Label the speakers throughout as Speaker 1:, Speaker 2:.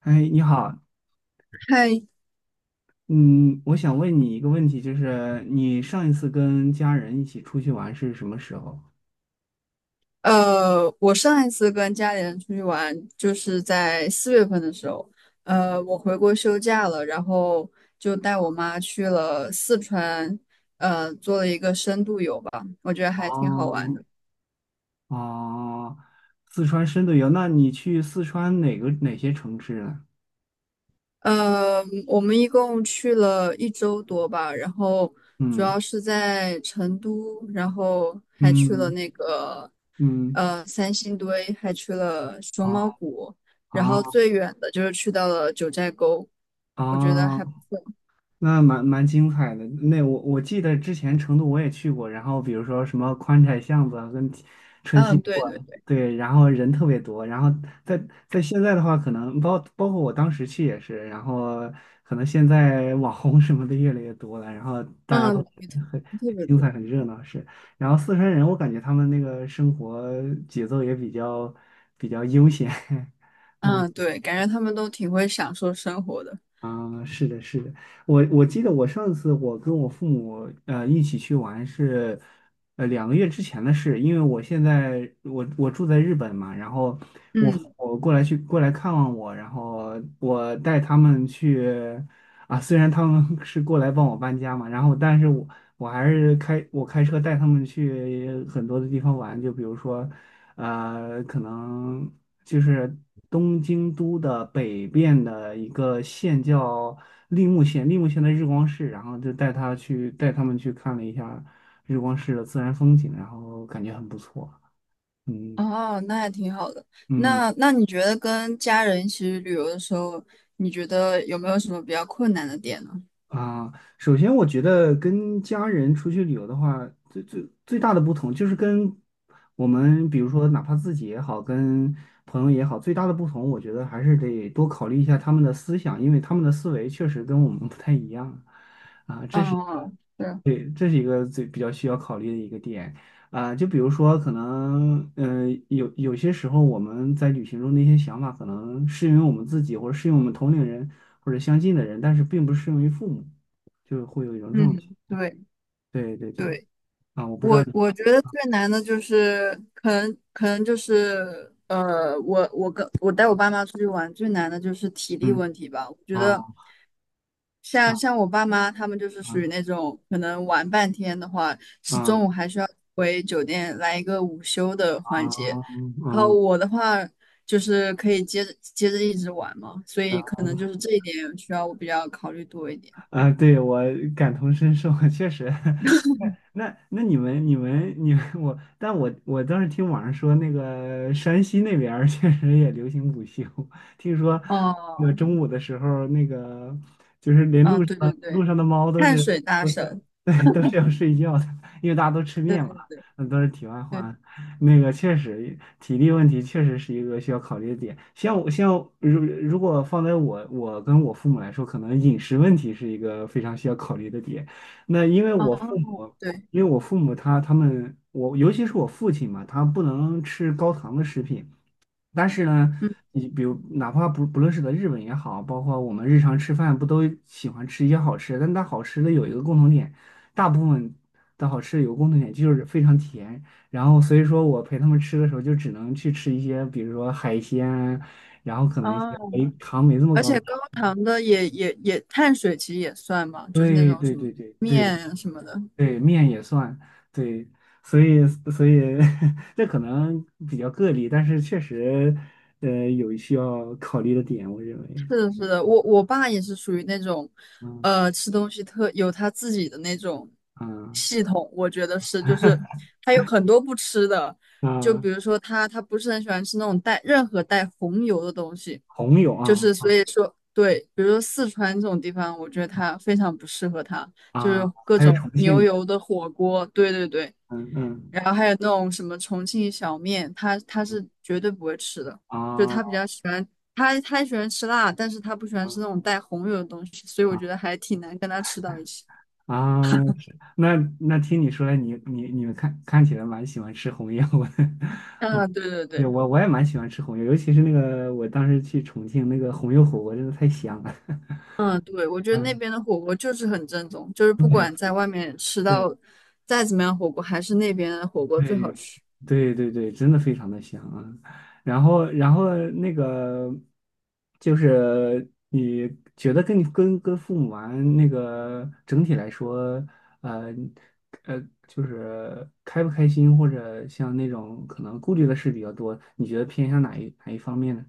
Speaker 1: 哎，你好。
Speaker 2: 嗨，
Speaker 1: 嗯，我想问你一个问题，就是你上一次跟家人一起出去玩是什么时候？
Speaker 2: 我上一次跟家里人出去玩，就是在四月份的时候，我回国休假了，然后就带我妈去了四川，做了一个深度游吧，我觉得还挺好玩
Speaker 1: 哦。
Speaker 2: 的。
Speaker 1: 哦。四川深度游，那你去四川哪个哪些城市呢？
Speaker 2: 我们一共去了一周多吧，然后主
Speaker 1: 嗯
Speaker 2: 要是在成都，然后还去了
Speaker 1: 嗯
Speaker 2: 那个
Speaker 1: 嗯。
Speaker 2: 三星堆，还去了熊
Speaker 1: 哦
Speaker 2: 猫谷，然
Speaker 1: 哦
Speaker 2: 后最远的就是去到了九寨沟。我觉得还不
Speaker 1: 哦。
Speaker 2: 错。
Speaker 1: 那蛮精彩的。那我记得之前成都我也去过，然后比如说什么宽窄巷子啊跟春熙
Speaker 2: 嗯，
Speaker 1: 路
Speaker 2: 对
Speaker 1: 啊，
Speaker 2: 对对。
Speaker 1: 对，然后人特别多。然后在在现在的话，可能包括我当时去也是，然后可能现在网红什么的越来越多了，然后大家都
Speaker 2: 嗯，也
Speaker 1: 很
Speaker 2: 特
Speaker 1: 很
Speaker 2: 别
Speaker 1: 精
Speaker 2: 多。
Speaker 1: 彩、很热闹是。然后四川人，我感觉他们那个生活节奏也比较悠闲。嗯。
Speaker 2: 嗯，对，感觉他们都挺会享受生活的。
Speaker 1: 啊，是的，是的，我记得我上次我跟我父母一起去玩是，两个月之前的事。因为我现在我住在日本嘛，然后我
Speaker 2: 嗯。
Speaker 1: 我过来看望我，然后我带他们去啊，虽然他们 是过来帮我搬家嘛，然后但是我还是开车带他们去很多的地方玩，就比如说可能。就是东京都的北边的一个县叫立木县，立木县的日光市，然后就带他们去看了一下日光市的自然风景，然后感觉很不错。嗯
Speaker 2: 哦，那还挺好的。
Speaker 1: 嗯。
Speaker 2: 那你觉得跟家人一起去旅游的时候，你觉得有没有什么比较困难的点呢？
Speaker 1: 啊，首先我觉得跟家人出去旅游的话，最大的不同就是跟我们，比如说哪怕自己也好，跟朋友也好，最大的不同，我觉得还是得多考虑一下他们的思想，因为他们的思维确实跟我们不太一样啊，这是。
Speaker 2: 嗯，对。
Speaker 1: 对，这是一个最比较需要考虑的一个点啊，就比如说，可能有些时候我们在旅行中的一些想法，可能适用于我们自己，或者适用于我们同龄人或者相近的人，但是并不适用于父母，就会有一种这种。
Speaker 2: 嗯，对
Speaker 1: 对对对。
Speaker 2: 对，
Speaker 1: 啊，我不知道
Speaker 2: 我
Speaker 1: 你。
Speaker 2: 我觉得最难的就是可能就是我我跟我带我爸妈出去玩最难的就是体力
Speaker 1: 嗯。
Speaker 2: 问题吧。我觉得。
Speaker 1: 啊
Speaker 2: 像
Speaker 1: 啊
Speaker 2: 我爸妈他们就是属于那
Speaker 1: 啊
Speaker 2: 种可能玩半天的话，是
Speaker 1: 啊
Speaker 2: 中午还需要回酒店来一个午休的
Speaker 1: 啊。
Speaker 2: 环节。
Speaker 1: 嗯
Speaker 2: 然后
Speaker 1: 嗯。
Speaker 2: 我的话就是可以接着一直玩嘛，所以可能就是这一点需要我比较考虑多一点。
Speaker 1: 啊，对，我感同身受，确实。那你们你们你们我，但我当时听网上说，那个山西那边儿 确实也流行午休。听说那个
Speaker 2: 哦。
Speaker 1: 中午的时候，那个就是连
Speaker 2: 啊，
Speaker 1: 路上
Speaker 2: 对对
Speaker 1: 路
Speaker 2: 对。
Speaker 1: 上的猫都
Speaker 2: 碳
Speaker 1: 是
Speaker 2: 水大
Speaker 1: 都是要
Speaker 2: 神。
Speaker 1: 对都是要睡觉的，因为大家都吃
Speaker 2: 对
Speaker 1: 面
Speaker 2: 对
Speaker 1: 嘛。
Speaker 2: 对
Speaker 1: 那都是题外
Speaker 2: 对。
Speaker 1: 话。那个确实，体力问题确实是一个需要考虑的点。像我，像如果放在我跟我父母来说，可能饮食问题是一个非常需要考虑的点。那因为我父母，
Speaker 2: 哦，对。
Speaker 1: 因为我父母他们，我尤其是我父亲嘛，他不能吃高糖的食品。但是呢，
Speaker 2: 嗯。
Speaker 1: 你比如哪怕不论是在日本也好，包括我们日常吃饭，不都喜欢吃一些好吃的？但它好吃的有一个共同点，大部分的好吃有个共同点就是非常甜。然后所以说我陪他们吃的时候，就只能去吃一些，比如说海鲜啊，然后可能一些
Speaker 2: 哦，
Speaker 1: 没糖没这么
Speaker 2: 而
Speaker 1: 高
Speaker 2: 且
Speaker 1: 的。
Speaker 2: 高糖的也碳水其实也算嘛，就是那
Speaker 1: 对
Speaker 2: 种
Speaker 1: 对
Speaker 2: 什么
Speaker 1: 对对对
Speaker 2: 面啊什么的。
Speaker 1: 对，面也算，对。所以所以 这可能比较个例，但是确实，有需要考虑的点，我认为。
Speaker 2: 是的，是的，我爸也是属于那种，
Speaker 1: 嗯
Speaker 2: 吃东西特有他自己的那种
Speaker 1: 嗯
Speaker 2: 系统，我觉得是，就是他有很多不吃的，就
Speaker 1: 啊。
Speaker 2: 比如说他不是很喜欢吃那种带任何带红油的东西，
Speaker 1: 红柳
Speaker 2: 就
Speaker 1: 啊
Speaker 2: 是所以说对，比如说四川这种地方，我觉得他非常不适合他，就是
Speaker 1: 啊。
Speaker 2: 各
Speaker 1: 还有
Speaker 2: 种
Speaker 1: 重
Speaker 2: 牛
Speaker 1: 庆。
Speaker 2: 油的火锅，对对对。
Speaker 1: 嗯嗯
Speaker 2: 然后还有那种什么重庆小面，他是绝对不会吃的，就是他比
Speaker 1: 啊
Speaker 2: 较喜欢他喜欢吃辣，但是他不喜欢吃那种带红油的东西，所以我
Speaker 1: 啊。
Speaker 2: 觉得还挺难跟他吃到一起。
Speaker 1: 啊，是那听你说来，你你们看起来蛮喜欢吃红油的。
Speaker 2: 嗯，对对
Speaker 1: 对，
Speaker 2: 对。
Speaker 1: 我也蛮喜欢吃红油，尤其是那个我当时去重庆那个红油火锅，真的太香了。
Speaker 2: 嗯对，我 觉得那
Speaker 1: 嗯，
Speaker 2: 边的火锅就是很正宗，就是不管在
Speaker 1: 对
Speaker 2: 外面吃
Speaker 1: 对
Speaker 2: 到再怎么样火锅，还是那边的火锅最
Speaker 1: 对。
Speaker 2: 好吃。
Speaker 1: 对对对，真的非常的香啊。然后,那个就是你觉得跟你跟跟父母玩那个整体来说，呃呃，就是开不开心，或者像那种可能顾虑的事比较多，你觉得偏向哪一方面呢？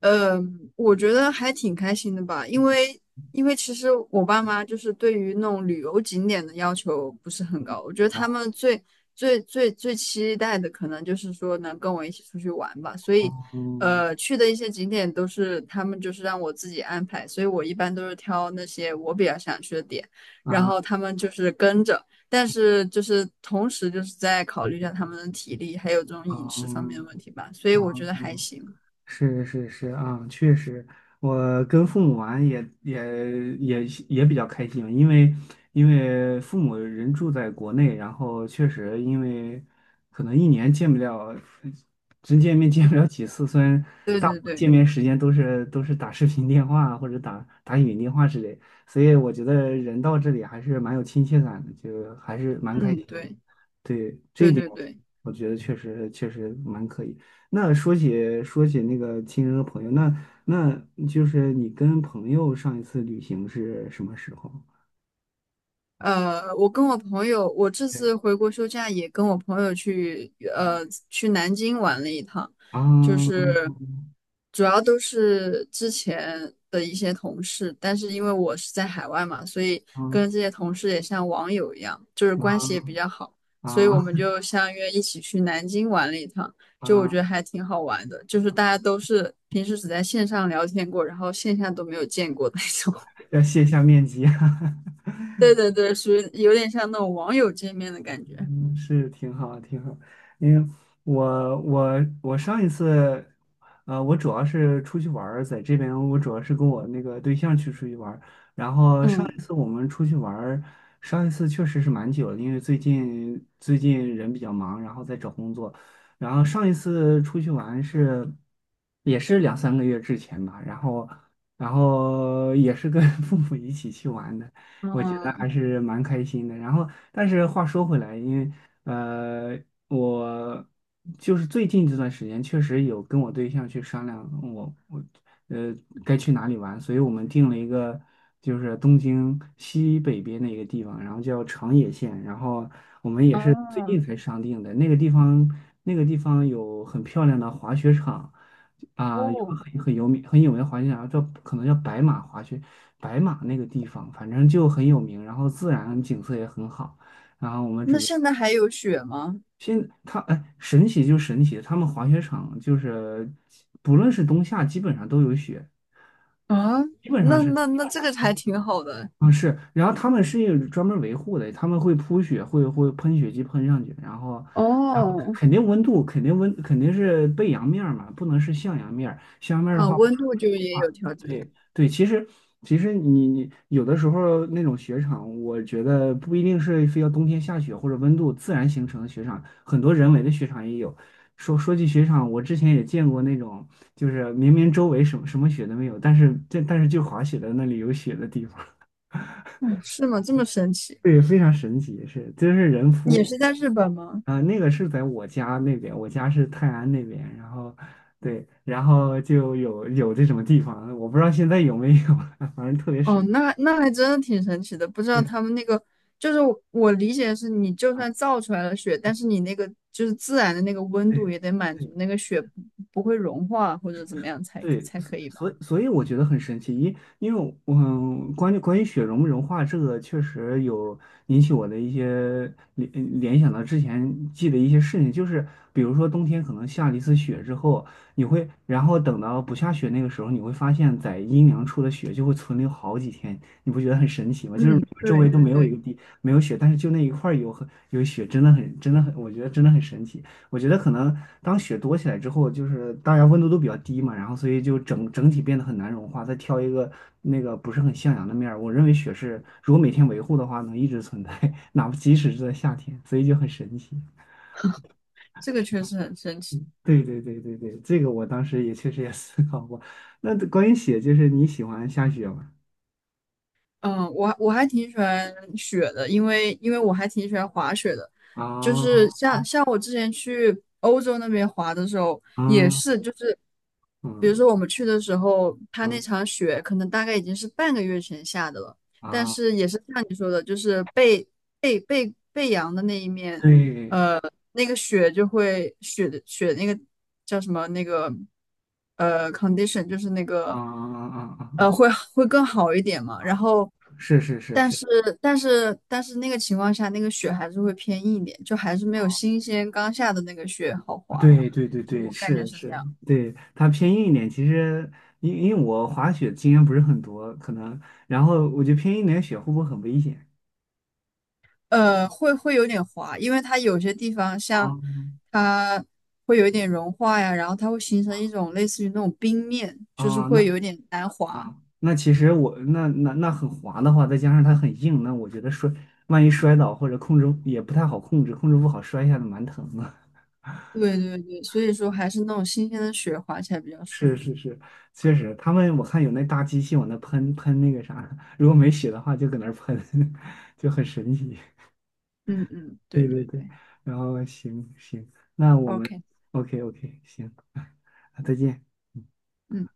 Speaker 2: 呃，我觉得还挺开心的吧，因
Speaker 1: 嗯。
Speaker 2: 为因为其实我爸妈就是对于那种旅游景点的要求不是很
Speaker 1: 嗯。
Speaker 2: 高，我觉得
Speaker 1: 然
Speaker 2: 他们最最期待的可能就是说能跟我一起出去玩吧，所以
Speaker 1: 后。
Speaker 2: 去的一些景点都是他们就是让我自己安排，所以我一般都是挑那些我比较想去的点，然
Speaker 1: 啊
Speaker 2: 后他们就是跟着，但是就是同时就是在考虑一下他们的体力还有这种饮食方面
Speaker 1: 啊
Speaker 2: 的问题吧，所以
Speaker 1: 啊
Speaker 2: 我
Speaker 1: 啊。
Speaker 2: 觉得还行，
Speaker 1: 是是是啊，确实，我跟父母玩也比较开心，因为父母人住在国内，然后确实因为可能一年见不了，真见面见不了几次，虽然
Speaker 2: 对
Speaker 1: 大部
Speaker 2: 对
Speaker 1: 分
Speaker 2: 对。
Speaker 1: 见面时间都是打视频电话啊或者打语音电话之类，所以我觉得人到这里还是蛮有亲切感的，就还是蛮开
Speaker 2: 嗯，
Speaker 1: 心。
Speaker 2: 对。
Speaker 1: 对，这一
Speaker 2: 对
Speaker 1: 点
Speaker 2: 对
Speaker 1: 我
Speaker 2: 对。
Speaker 1: 我觉得确实确实蛮可以。那说起那个亲人和朋友，那就是你跟朋友上一次旅行是什么时候？
Speaker 2: 我跟我朋友，我这
Speaker 1: 对
Speaker 2: 次回国休假也跟我朋友去，去南京玩了一趟，就
Speaker 1: 啊
Speaker 2: 是主要都是之前的一些同事，但是因为我是在海外嘛，所以跟这
Speaker 1: 啊
Speaker 2: 些同事也像网友一样，就是
Speaker 1: 啊
Speaker 2: 关系也比较好，所以
Speaker 1: 啊
Speaker 2: 我们就相约一起去南京玩了一趟，就我
Speaker 1: 啊！
Speaker 2: 觉得还挺好玩的，就是大家都是平时只在线上聊天过，然后线下都没有见过的那种。
Speaker 1: 要卸下面积哈。
Speaker 2: 对对对，属于有点像那种网友见面的感觉。
Speaker 1: 嗯，是挺好，挺好。因为我上一次，我主要是出去玩儿，在这边我主要是跟我那个对象去出去玩儿。然后上一
Speaker 2: 嗯
Speaker 1: 次我们出去玩儿。上一次确实是蛮久的，因为最近人比较忙，然后在找工作。然后上一次出去玩也是两三个月之前吧，然后也是跟 父母一起去玩的。我觉得
Speaker 2: 嗯。
Speaker 1: 还是蛮开心的。然后，但是话说回来，因为呃，我就是最近这段时间确实有跟我对象去商量我，我呃该去哪里玩，所以我们定了一个就是东京西北边的一个地方，然后叫长野县，然后我们也是最近
Speaker 2: 啊。
Speaker 1: 才商定的。那个地方，那个地方有很漂亮的滑雪场，啊，有个
Speaker 2: 哦，
Speaker 1: 很有名很有名的滑雪场可能叫白马滑雪。白马那个地方反正就很有名，然后自然景色也很好。然后我们
Speaker 2: 那
Speaker 1: 准备
Speaker 2: 现在还有雪吗？
Speaker 1: 哎，神奇就神奇，他们滑雪场就是不论是冬夏，基本上都有雪。
Speaker 2: 啊，
Speaker 1: 基本上
Speaker 2: 那
Speaker 1: 是。
Speaker 2: 这个还挺好的。
Speaker 1: 啊是，然后他们是有专门维护的，他们会铺雪，会喷雪机喷上去，然后，然后
Speaker 2: 哦。
Speaker 1: 肯定温度肯定是背阳面儿嘛，不能是向阳面儿，向阳面儿的
Speaker 2: 啊，
Speaker 1: 话。
Speaker 2: 温度就也有调节。
Speaker 1: 对对。其实你有的时候那种雪场，我觉得不一定是非要冬天下雪或者温度自然形成的雪场，很多人为的雪场也有。说起雪场，我之前也见过那种，就是明明周围什么什么雪都没有，但是就滑雪的那里有雪的地方。
Speaker 2: 哦，是吗？这么神奇？
Speaker 1: 对，非常神奇，是，真是人
Speaker 2: 也
Speaker 1: 夫。
Speaker 2: 是在日本吗？
Speaker 1: 啊，那个是在我家那边，我家是泰安那边，然后对，然后就有这种地方，我不知道现在有没有。反正特别
Speaker 2: 哦，
Speaker 1: 神奇。
Speaker 2: 那那还真的挺神奇的。不知道
Speaker 1: 对
Speaker 2: 他们那个，就是我理解的是，你就
Speaker 1: 啊，
Speaker 2: 算造出来了雪，但是你那个就是自然的那个温度
Speaker 1: 对，
Speaker 2: 也得满足那个雪不会融化或者怎么样
Speaker 1: 对。
Speaker 2: 才可以吧？
Speaker 1: 所以我觉得很神奇，因为我关于雪融化这个，确实有引起我的一些联想到之前记得一些事情，就是比如说冬天可能下了一次雪之后，然后等到不下雪那个时候，你会发现在阴凉处的雪就会存留好几天。你不觉得很神奇吗？就是
Speaker 2: 嗯，
Speaker 1: 周
Speaker 2: 对
Speaker 1: 围都
Speaker 2: 对
Speaker 1: 没有一
Speaker 2: 对。
Speaker 1: 个没有雪，但是就那一块儿有雪，真的很真的很，我觉得真的很神奇。我觉得可能当雪多起来之后，就是大家温度都比较低嘛，然后所以就整体变得很难融化。再挑一个那个不是很向阳的面儿，我认为雪是如果每天维护的话，能一直存在，哪怕即使是在夏天，所以就很神奇。
Speaker 2: 这个确实很神奇。
Speaker 1: 对对对对对，这个我当时也确实也 思考过。那关于雪，就是你喜欢下雪吗？
Speaker 2: 嗯，我还挺喜欢雪的，因为因为我还挺喜欢滑雪的，就是
Speaker 1: 啊
Speaker 2: 像我之前去欧洲那边滑的时候，也
Speaker 1: 啊
Speaker 2: 是就是，比如
Speaker 1: 嗯
Speaker 2: 说我们去的时候，它那
Speaker 1: 嗯
Speaker 2: 场雪可能大概已经是半个月前下的了，
Speaker 1: 啊。
Speaker 2: 但
Speaker 1: 啊
Speaker 2: 是也是像你说的，就是被被阳的那一面
Speaker 1: 对
Speaker 2: 那个雪就会雪的雪那个叫什么那个condition 就是那
Speaker 1: 啊
Speaker 2: 个
Speaker 1: 啊啊啊啊。
Speaker 2: 会更好一点嘛。
Speaker 1: 啊
Speaker 2: 然
Speaker 1: 啊
Speaker 2: 后，
Speaker 1: 是是是
Speaker 2: 但
Speaker 1: 是。
Speaker 2: 是但是那个情况下，那个雪还是会偏硬一点，就还是没有
Speaker 1: 哦
Speaker 2: 新鲜刚下的那个雪好滑。
Speaker 1: 对对对
Speaker 2: 就
Speaker 1: 对，
Speaker 2: 我感觉
Speaker 1: 是
Speaker 2: 是这
Speaker 1: 是。
Speaker 2: 样，
Speaker 1: 对，它偏硬一点。其实，因为我滑雪经验不是很多，可能，然后我觉得偏硬一点雪会不会很危险？
Speaker 2: 会有点滑，因为它有些地方像
Speaker 1: 啊
Speaker 2: 它会有一点融化呀，然后它会形成一种类似于那种冰面，就是
Speaker 1: 啊，那
Speaker 2: 会有点难滑。
Speaker 1: 啊，那其实我那那那很滑的话，再加上它很硬，那我觉得摔，万一摔倒或者控制也不太好控制，控制不好摔下来蛮疼的。
Speaker 2: 对对对，所以说还是那种新鲜的雪滑起来比较舒
Speaker 1: 是是
Speaker 2: 服。
Speaker 1: 是，确实，他们我看有那大机器往那喷那个啥，如果没血的话就搁那儿喷，就很神奇。
Speaker 2: 嗯嗯，
Speaker 1: 对
Speaker 2: 对
Speaker 1: 对
Speaker 2: 对
Speaker 1: 对，
Speaker 2: 对
Speaker 1: 然后行，那我们
Speaker 2: ，OK。
Speaker 1: OK。 OK 行。再见。
Speaker 2: 嗯。